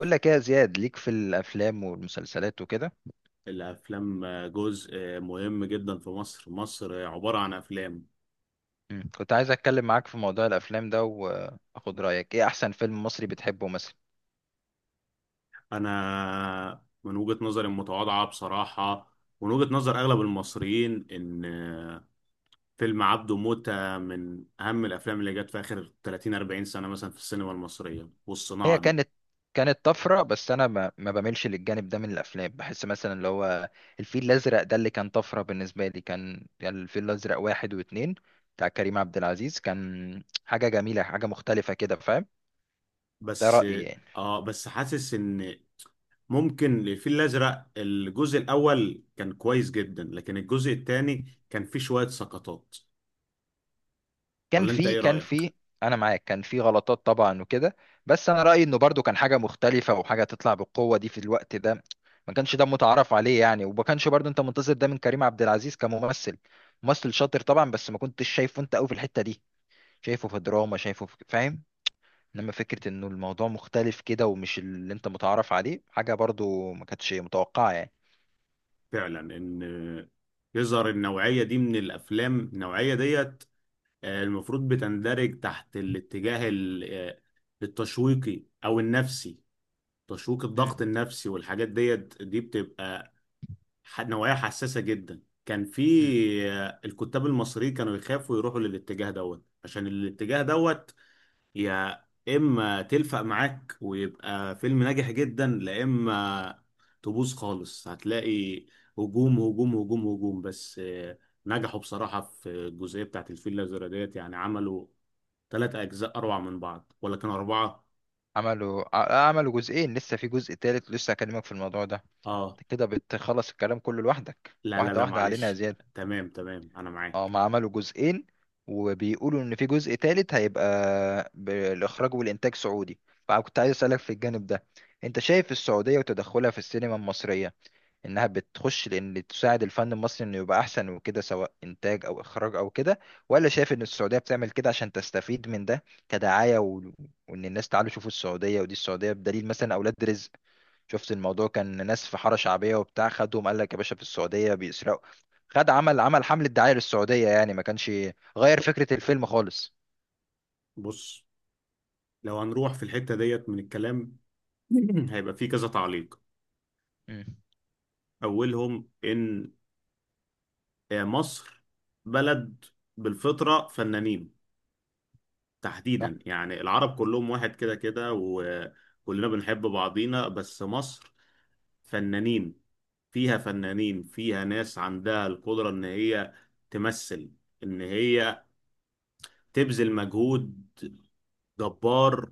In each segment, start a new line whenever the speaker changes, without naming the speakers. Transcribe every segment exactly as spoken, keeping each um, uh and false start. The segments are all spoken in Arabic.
بقول لك ايه يا زياد؟ ليك في الافلام والمسلسلات وكده.
الأفلام جزء مهم جدا في مصر. مصر عبارة عن أفلام.
مم. كنت عايز اتكلم معاك في موضوع الافلام ده واخد رايك، ايه احسن فيلم مصري بتحبه مثلا؟
أنا من وجهة نظري المتواضعة بصراحة، ومن وجهة نظر أغلب المصريين، إن فيلم عبده موتة من أهم الأفلام اللي جت في آخر تلاتين أربعين سنة مثلا في السينما المصرية والصناعة
هي كانت
دي.
كانت طفره، بس انا ما, ما بميلش للجانب ده من الافلام. بحس مثلا اللي هو الفيل الازرق ده اللي كان طفره بالنسبه لي. كان كان الفيل الازرق واحد واتنين بتاع كريم عبد العزيز كان حاجه جميله، حاجه مختلفه كده، فاهم؟ ده
بس
رايي يعني.
آه بس حاسس إن ممكن الفيل الأزرق الجزء الأول كان كويس جدا، لكن الجزء الثاني كان فيه شوية سقطات.
كان
ولا أنت
في
إيه
كان
رأيك؟
في انا معاك، كان في غلطات طبعا وكده، بس انا رايي انه برضو كان حاجه مختلفه وحاجه تطلع بالقوه دي في الوقت ده. ما كانش ده متعارف عليه يعني، وما كانش برضو انت منتظر ده من كريم عبد العزيز كممثل. ممثل شاطر طبعا، بس ما كنتش شايفه انت قوي في الحته دي. شايفه في دراما، شايفه في، فاهم؟ انما فكره انه الموضوع مختلف كده ومش اللي انت متعارف عليه، حاجه برضو ما كانتش متوقعه يعني.
فعلا ان يظهر النوعية دي من الافلام، النوعية ديت آه، المفروض بتندرج تحت الاتجاه ال- آه، التشويقي او النفسي. تشويق
مم.
الضغط النفسي والحاجات ديت دي بتبقى ح- نوعية حساسة جدا. كان في
مم.
آه، الكتاب المصريين كانوا يخافوا يروحوا للاتجاه دوت، عشان الاتجاه دوت يا اما تلفق معاك ويبقى فيلم ناجح جدا، لا اما تبوظ خالص. هتلاقي هجوم هجوم هجوم هجوم. بس آه، نجحوا بصراحة في الجزئية بتاعت الفيل الأزرق ديت. يعني عملوا ثلاث أجزاء أروع من بعض، ولا كانوا أربعة؟
عملوا ع- عملوا جزئين، لسه في جزء تالت، لسه هكلمك في الموضوع ده.
آه.
انت كده بتخلص الكلام كله لوحدك،
لا لا
واحدة
لا،
واحدة علينا يا
معلش.
زياد.
تمام تمام، أنا
اه،
معاك.
ما عملوا جزئين، وبيقولوا ان في جزء تالت هيبقى بالاخراج والانتاج سعودي. فكنت عايز اسالك في الجانب ده، انت شايف السعودية وتدخلها في السينما المصرية انها بتخش لان تساعد الفن المصري انه يبقى احسن وكده، سواء انتاج او اخراج او كده؟ ولا شايف ان السعودية بتعمل كده عشان تستفيد من ده كدعاية، و... وان الناس تعالوا شوفوا السعودية ودي السعودية، بدليل مثلا اولاد رزق. شفت الموضوع؟ كان ناس في حارة شعبية وبتاع، خدهم قال لك يا باشا في السعودية بيسرقوا. خد، عمل، عمل حملة دعاية للسعودية يعني، ما كانش غير فكرة الفيلم خالص.
بص، لو هنروح في الحتة ديت من الكلام هيبقى في كذا تعليق.
مم.
أولهم إن آه، مصر بلد بالفطرة فنانين،
صح.
تحديدا يعني العرب كلهم واحد كده كده، وكلنا بنحب بعضينا، بس مصر فنانين، فيها فنانين، فيها ناس عندها القدرة ان هي تمثل، ان هي تبذل مجهود جبار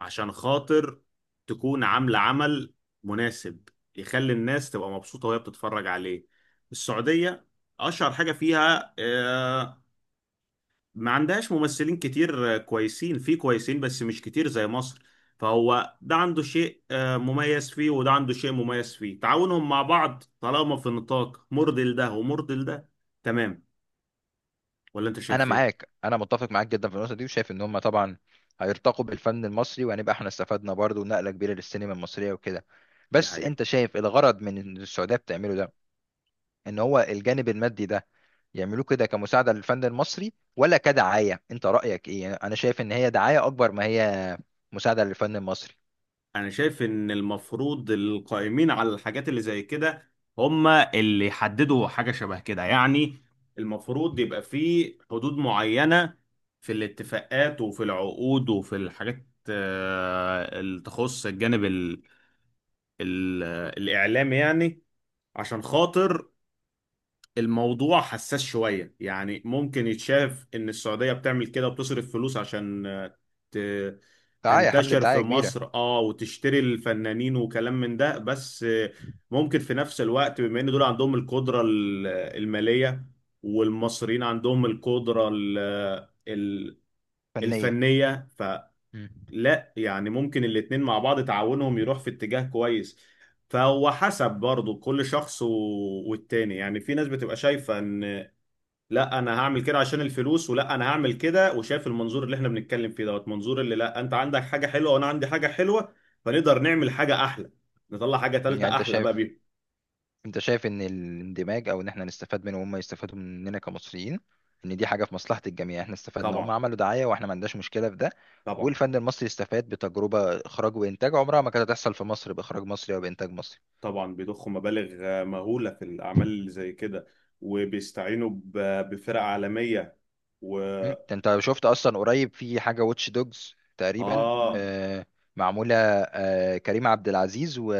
عشان خاطر تكون عاملة عمل مناسب يخلي الناس تبقى مبسوطة وهي بتتفرج عليه. السعودية أشهر حاجة فيها آه، ما عندهاش ممثلين كتير كويسين. في كويسين بس مش كتير زي مصر. فهو ده عنده شيء آه، مميز فيه، وده عنده شيء مميز فيه. تعاونهم مع بعض طالما في نطاق مرضي لده ومرضي لده تمام. ولا انت
انا
شايف ايه؟
معاك، انا متفق معاك جدا في النقطه دي، وشايف ان هم طبعا هيرتقوا بالفن المصري وهنبقى احنا استفدنا برضه نقله كبيره للسينما المصريه وكده.
دي
بس
حقيقة.
انت شايف الغرض من إن السعوديه بتعمله ده، ان هو الجانب المادي ده، يعملوه كده كمساعده للفن المصري ولا كدعايه؟ انت رايك ايه؟ انا شايف ان هي دعايه اكبر ما هي مساعده للفن المصري.
انا شايف ان المفروض القائمين على الحاجات اللي زي كده هم اللي يحددوا حاجة شبه كده يعني. المفروض يبقى في حدود معينة، في الاتفاقات وفي العقود وفي الحاجات آه، اللي تخص الجانب ال ال الإعلامي يعني. عشان خاطر الموضوع حساس شوية، يعني ممكن يتشاف إن السعودية بتعمل كده وبتصرف فلوس عشان آه، ت-
دعاية، حملة
تنتشر في
دعاية كبيرة.
مصر، اه، وتشتري الفنانين وكلام من ده. بس آه، ممكن في نفس الوقت، بما إن دول عندهم القدرة ال- المالية، والمصريين عندهم القدرة ال- ال-
فنية.
الفنية، فلا
مم.
يعني ممكن الاتنين مع بعض تعاونهم يروح في اتجاه كويس. فهو حسب برضه كل شخص و... والتاني يعني في ناس بتبقى شايفة ان لا، انا هعمل كده عشان الفلوس، ولا انا هعمل كده وشايف المنظور اللي احنا بنتكلم فيه دوت، منظور اللي لا انت عندك حاجه حلوه وانا عندي حاجه حلوه، فنقدر نعمل حاجه احلى، نطلع حاجه
يعني
ثالثه
انت
احلى بقى
شايف،
بيهم.
انت شايف ان الاندماج او ان احنا نستفاد منه وهم يستفادوا مننا كمصريين، ان دي حاجة في مصلحة الجميع؟ احنا استفدنا، هم
طبعا.
عملوا دعاية، واحنا ما عندناش مشكلة في ده.
طبعا.
والفن المصري استفاد بتجربة اخراج وانتاج عمرها ما كانت هتحصل في مصر باخراج مصري او بانتاج مصري.
طبعا بيضخوا مبالغ آه، مهوله في الاعمال اللي زي كده، وبيستعينوا ب- بفرق عالميه و
مم. ده انت شفت اصلا قريب في حاجة واتش دوجز تقريبا،
اه.
آه، معمولة. آه، كريم عبد العزيز و...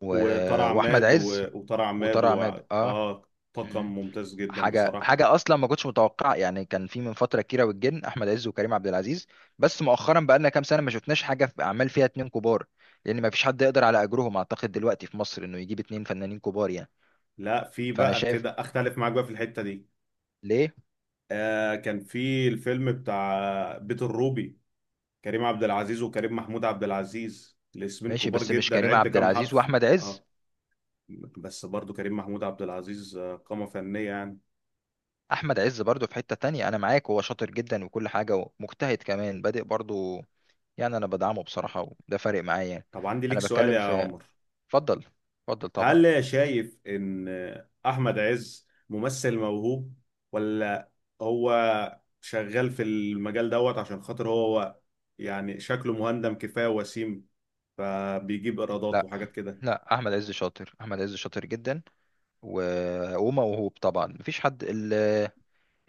و...
وطار
واحمد
عماد و...
عز،
وطار عماد
وطارق
و...
عماد، اه.
اه. طاقم
مم.
ممتاز جدا
حاجه،
بصراحه.
حاجه اصلا ما كنتش متوقع يعني. كان في من فتره كيرة والجن، احمد عز وكريم عبد العزيز. بس مؤخرا بقى لنا كام سنه ما شفناش حاجه في اعمال فيها اتنين كبار، لان ما فيش حد يقدر على اجرهم اعتقد دلوقتي في مصر، انه يجيب اتنين فنانين كبار يعني.
لا، في
فانا
بقى
شايف.
كده اختلف معاك بقى في الحته دي.
ليه؟
آه كان في الفيلم بتاع بيت الروبي، كريم عبد العزيز وكريم محمود عبد العزيز، الاسمين
ماشي،
كبار
بس مش
جدا.
كريم
عد
عبد
كام
العزيز
حرف.
واحمد عز.
اه. بس برضو كريم محمود عبد العزيز آه، قامة فنية يعني.
احمد عز برضه في حته تانية، انا معاك، هو شاطر جدا وكل حاجه، ومجتهد كمان، بادئ برضه يعني، انا بدعمه بصراحه، وده فارق معايا يعني.
طب عندي ليك
انا
سؤال
بتكلم
يا
في،
عمر.
اتفضل، اتفضل طبعا.
هل شايف ان آه، احمد عز ممثل موهوب، ولا هو شغال في المجال دوت عشان خاطر هو يعني شكله مهندم كفاية، وسيم، فبيجيب ايرادات
لا،
وحاجات كده؟
لا، احمد عز شاطر، احمد عز شاطر جدا، و... وموهوب طبعا، مفيش حد ال...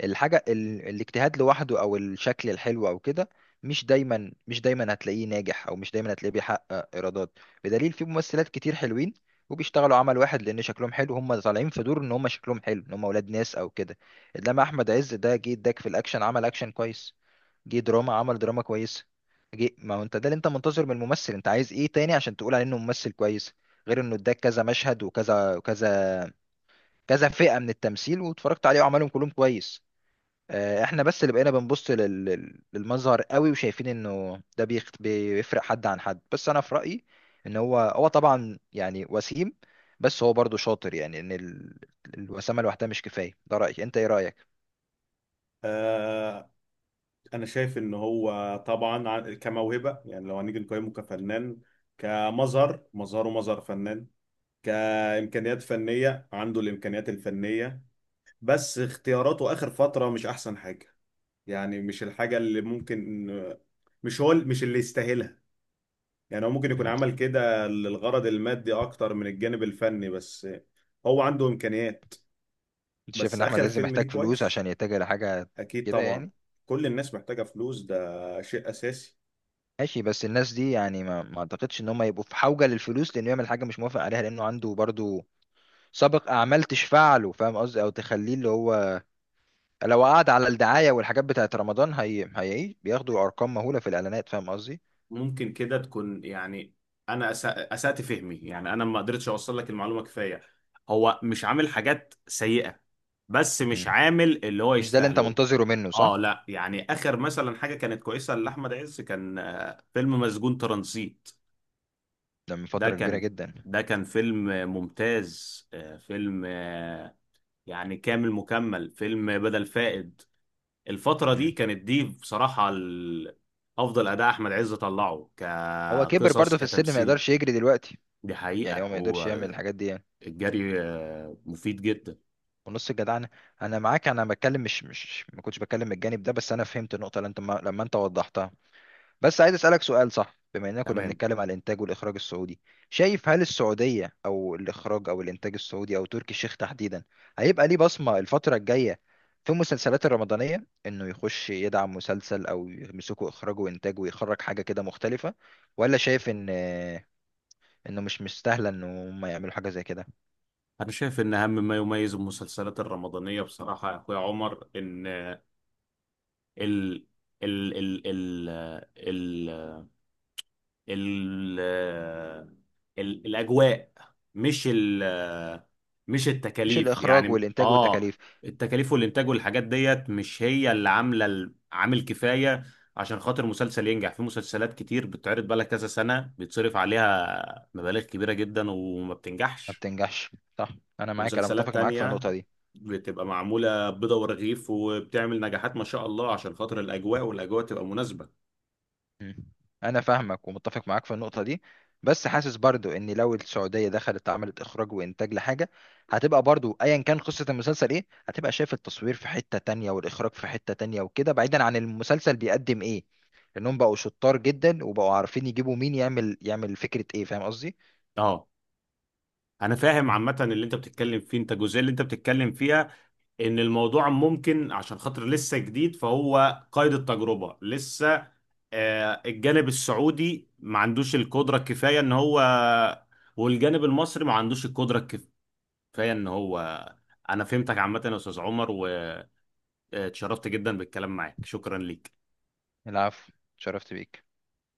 الحاجه ال... الاجتهاد لوحده او الشكل الحلو او كده مش دايما، مش دايما هتلاقيه ناجح، او مش دايما هتلاقيه بيحقق ايرادات، بدليل في ممثلات كتير حلوين وبيشتغلوا عمل واحد لان شكلهم حلو، هم طالعين في دور ان هم شكلهم حلو، ان هم اولاد ناس او كده. انما احمد عز ده جه اداك في الاكشن، عمل اكشن كويس، جه دراما، عمل دراما كويسه، جه، ما هو انت ده اللي انت منتظر من الممثل. انت عايز ايه تاني عشان تقول عليه انه ممثل كويس، غير انه اداك كذا مشهد وكذا وكذا، كذا فئه من التمثيل واتفرجت عليه وعملهم كلهم كويس؟ آه، احنا بس اللي بقينا بنبص لل- لل- للمظهر قوي، وشايفين انه ده بيخ- بيفرق حد عن حد. بس انا في رايي ان هو هو طبعا يعني وسيم، بس هو برضه شاطر يعني، ان ال- الوسامه لوحدها مش كفايه. ده رايي، انت ايه رايك؟
آه، انا شايف ان هو طبعا ع- كموهبه، يعني لو هنيجي نقيمه كفنان، كمظهر مظهره مظهر فنان، كامكانيات فنيه عنده الامكانيات الفنيه. بس اختياراته اخر فتره مش احسن حاجه. يعني مش الحاجه اللي ممكن، مش هو مش اللي يستاهلها. يعني هو ممكن يكون
مم.
عمل كده للغرض المادي اكتر من الجانب الفني، بس هو عنده امكانيات.
انت شايف
بس
ان احمد
اخر
عز
فيلم ليه
محتاج فلوس
كويس.
عشان يتجه لحاجه
اكيد
كده
طبعا،
يعني؟
كل الناس محتاجه فلوس، ده شيء اساسي.
ماشي، بس الناس دي يعني ما, ما اعتقدش ان هم يبقوا في حوجة للفلوس لانه يعمل حاجة مش موافق عليها، لانه عنده برضو سابق اعمال تشفع له، فاهم قصدي؟ او تخليه اللي هو، لو قعد على الدعاية والحاجات بتاعت رمضان، هي هي بياخدوا ارقام مهولة في الاعلانات، فاهم قصدي؟
ممكن كده تكون يعني، انا أسا- اسأت فهمي، يعني انا ما قدرتش اوصل لك المعلومه كفايه. هو مش عامل حاجات سيئه، بس مش
مم.
عامل اللي هو
مش ده اللي انت
يستاهله.
منتظره منه، صح؟
اه، لا يعني اخر مثلا حاجه كانت كويسه لاحمد عز كان آه، فيلم مسجون ترانزيت.
ده من
ده
فترة كبيرة
كان
جدا.
ده كان فيلم ممتاز، آه، فيلم آه، يعني كامل مكمل، فيلم بدل فائد. الفترة
مم.
دي كانت دي بصراحة ال- أفضل أداء أحمد عز طلعه،
هو كبر
كقصص
برضو في السن، ما
كتمثيل.
يقدرش يجري دلوقتي
دي
يعني، هو
حقيقة،
ما يقدرش يعمل
والجري.
الحاجات دي يعني.
آه، مفيد جدا.
ونص الجدعنة. انا معاك، انا بتكلم، مش مش ما كنتش بتكلم من الجانب ده، بس انا فهمت النقطة اللي انت ما لما انت وضحتها. بس عايز اسالك سؤال، صح؟ بما اننا كنا
تمام.
بنتكلم على الانتاج والاخراج السعودي، شايف هل السعوديه او الاخراج او الانتاج السعودي او تركي الشيخ تحديدا هيبقى ليه بصمه الفتره الجايه في المسلسلات الرمضانيه، انه يخش يدعم مسلسل او يمسكه اخراجه وانتاجه ويخرج حاجه كده مختلفه؟ ولا شايف ان انه مش مستاهله ان هم يعملوا حاجه زي كده؟
أنا شايف إن أهم ما يميز المسلسلات الرمضانية بصراحة يا أخويا عمر إن ال ال ال ال ال ال الاجواء، مش ال مش
مش
التكاليف
الاخراج
يعني.
والانتاج
اه
والتكاليف.
التكاليف والانتاج والحاجات ديت مش هي اللي عامله ال- عامل كفايه عشان خاطر مسلسل ينجح. في مسلسلات كتير بتتعرض بقالها كذا سنه، بيتصرف عليها مبالغ كبيره جدا، وما
ما
بتنجحش.
بتنجحش. صح. انا معاك، انا
ومسلسلات
متفق معاك في
تانية
النقطه دي.
بتبقى معمولة بيضة ورغيف، وبتعمل نجاحات ما شاء الله، عشان خاطر الأجواء. والأجواء تبقى مناسبة.
مم. انا فاهمك ومتفق معاك في النقطه دي. بس حاسس برضو ان لو السعوديه دخلت عملت اخراج وانتاج لحاجه، هتبقى برضو ايا كان قصه المسلسل ايه، هتبقى شايف التصوير في حته تانية، والاخراج في حته تانية وكده، بعيدا عن المسلسل بيقدم ايه، لانهم بقوا شطار جدا وبقوا عارفين يجيبوا مين يعمل، يعمل فكره ايه، فاهم قصدي؟
اه، انا فاهم عامه اللي انت بتتكلم فيه، انت الجزئيه اللي انت بتتكلم فيها ان الموضوع ممكن، عشان خاطر لسه جديد فهو قيد التجربه لسه. آه، الجانب السعودي ما عندوش القدره الكفايه ان هو، والجانب المصري ما عندوش القدره الكفايه ان هو. انا فهمتك عامه يا استاذ عمر، واتشرفت جدا بالكلام معاك، شكرا ليك.
العفو، شرفت بيك.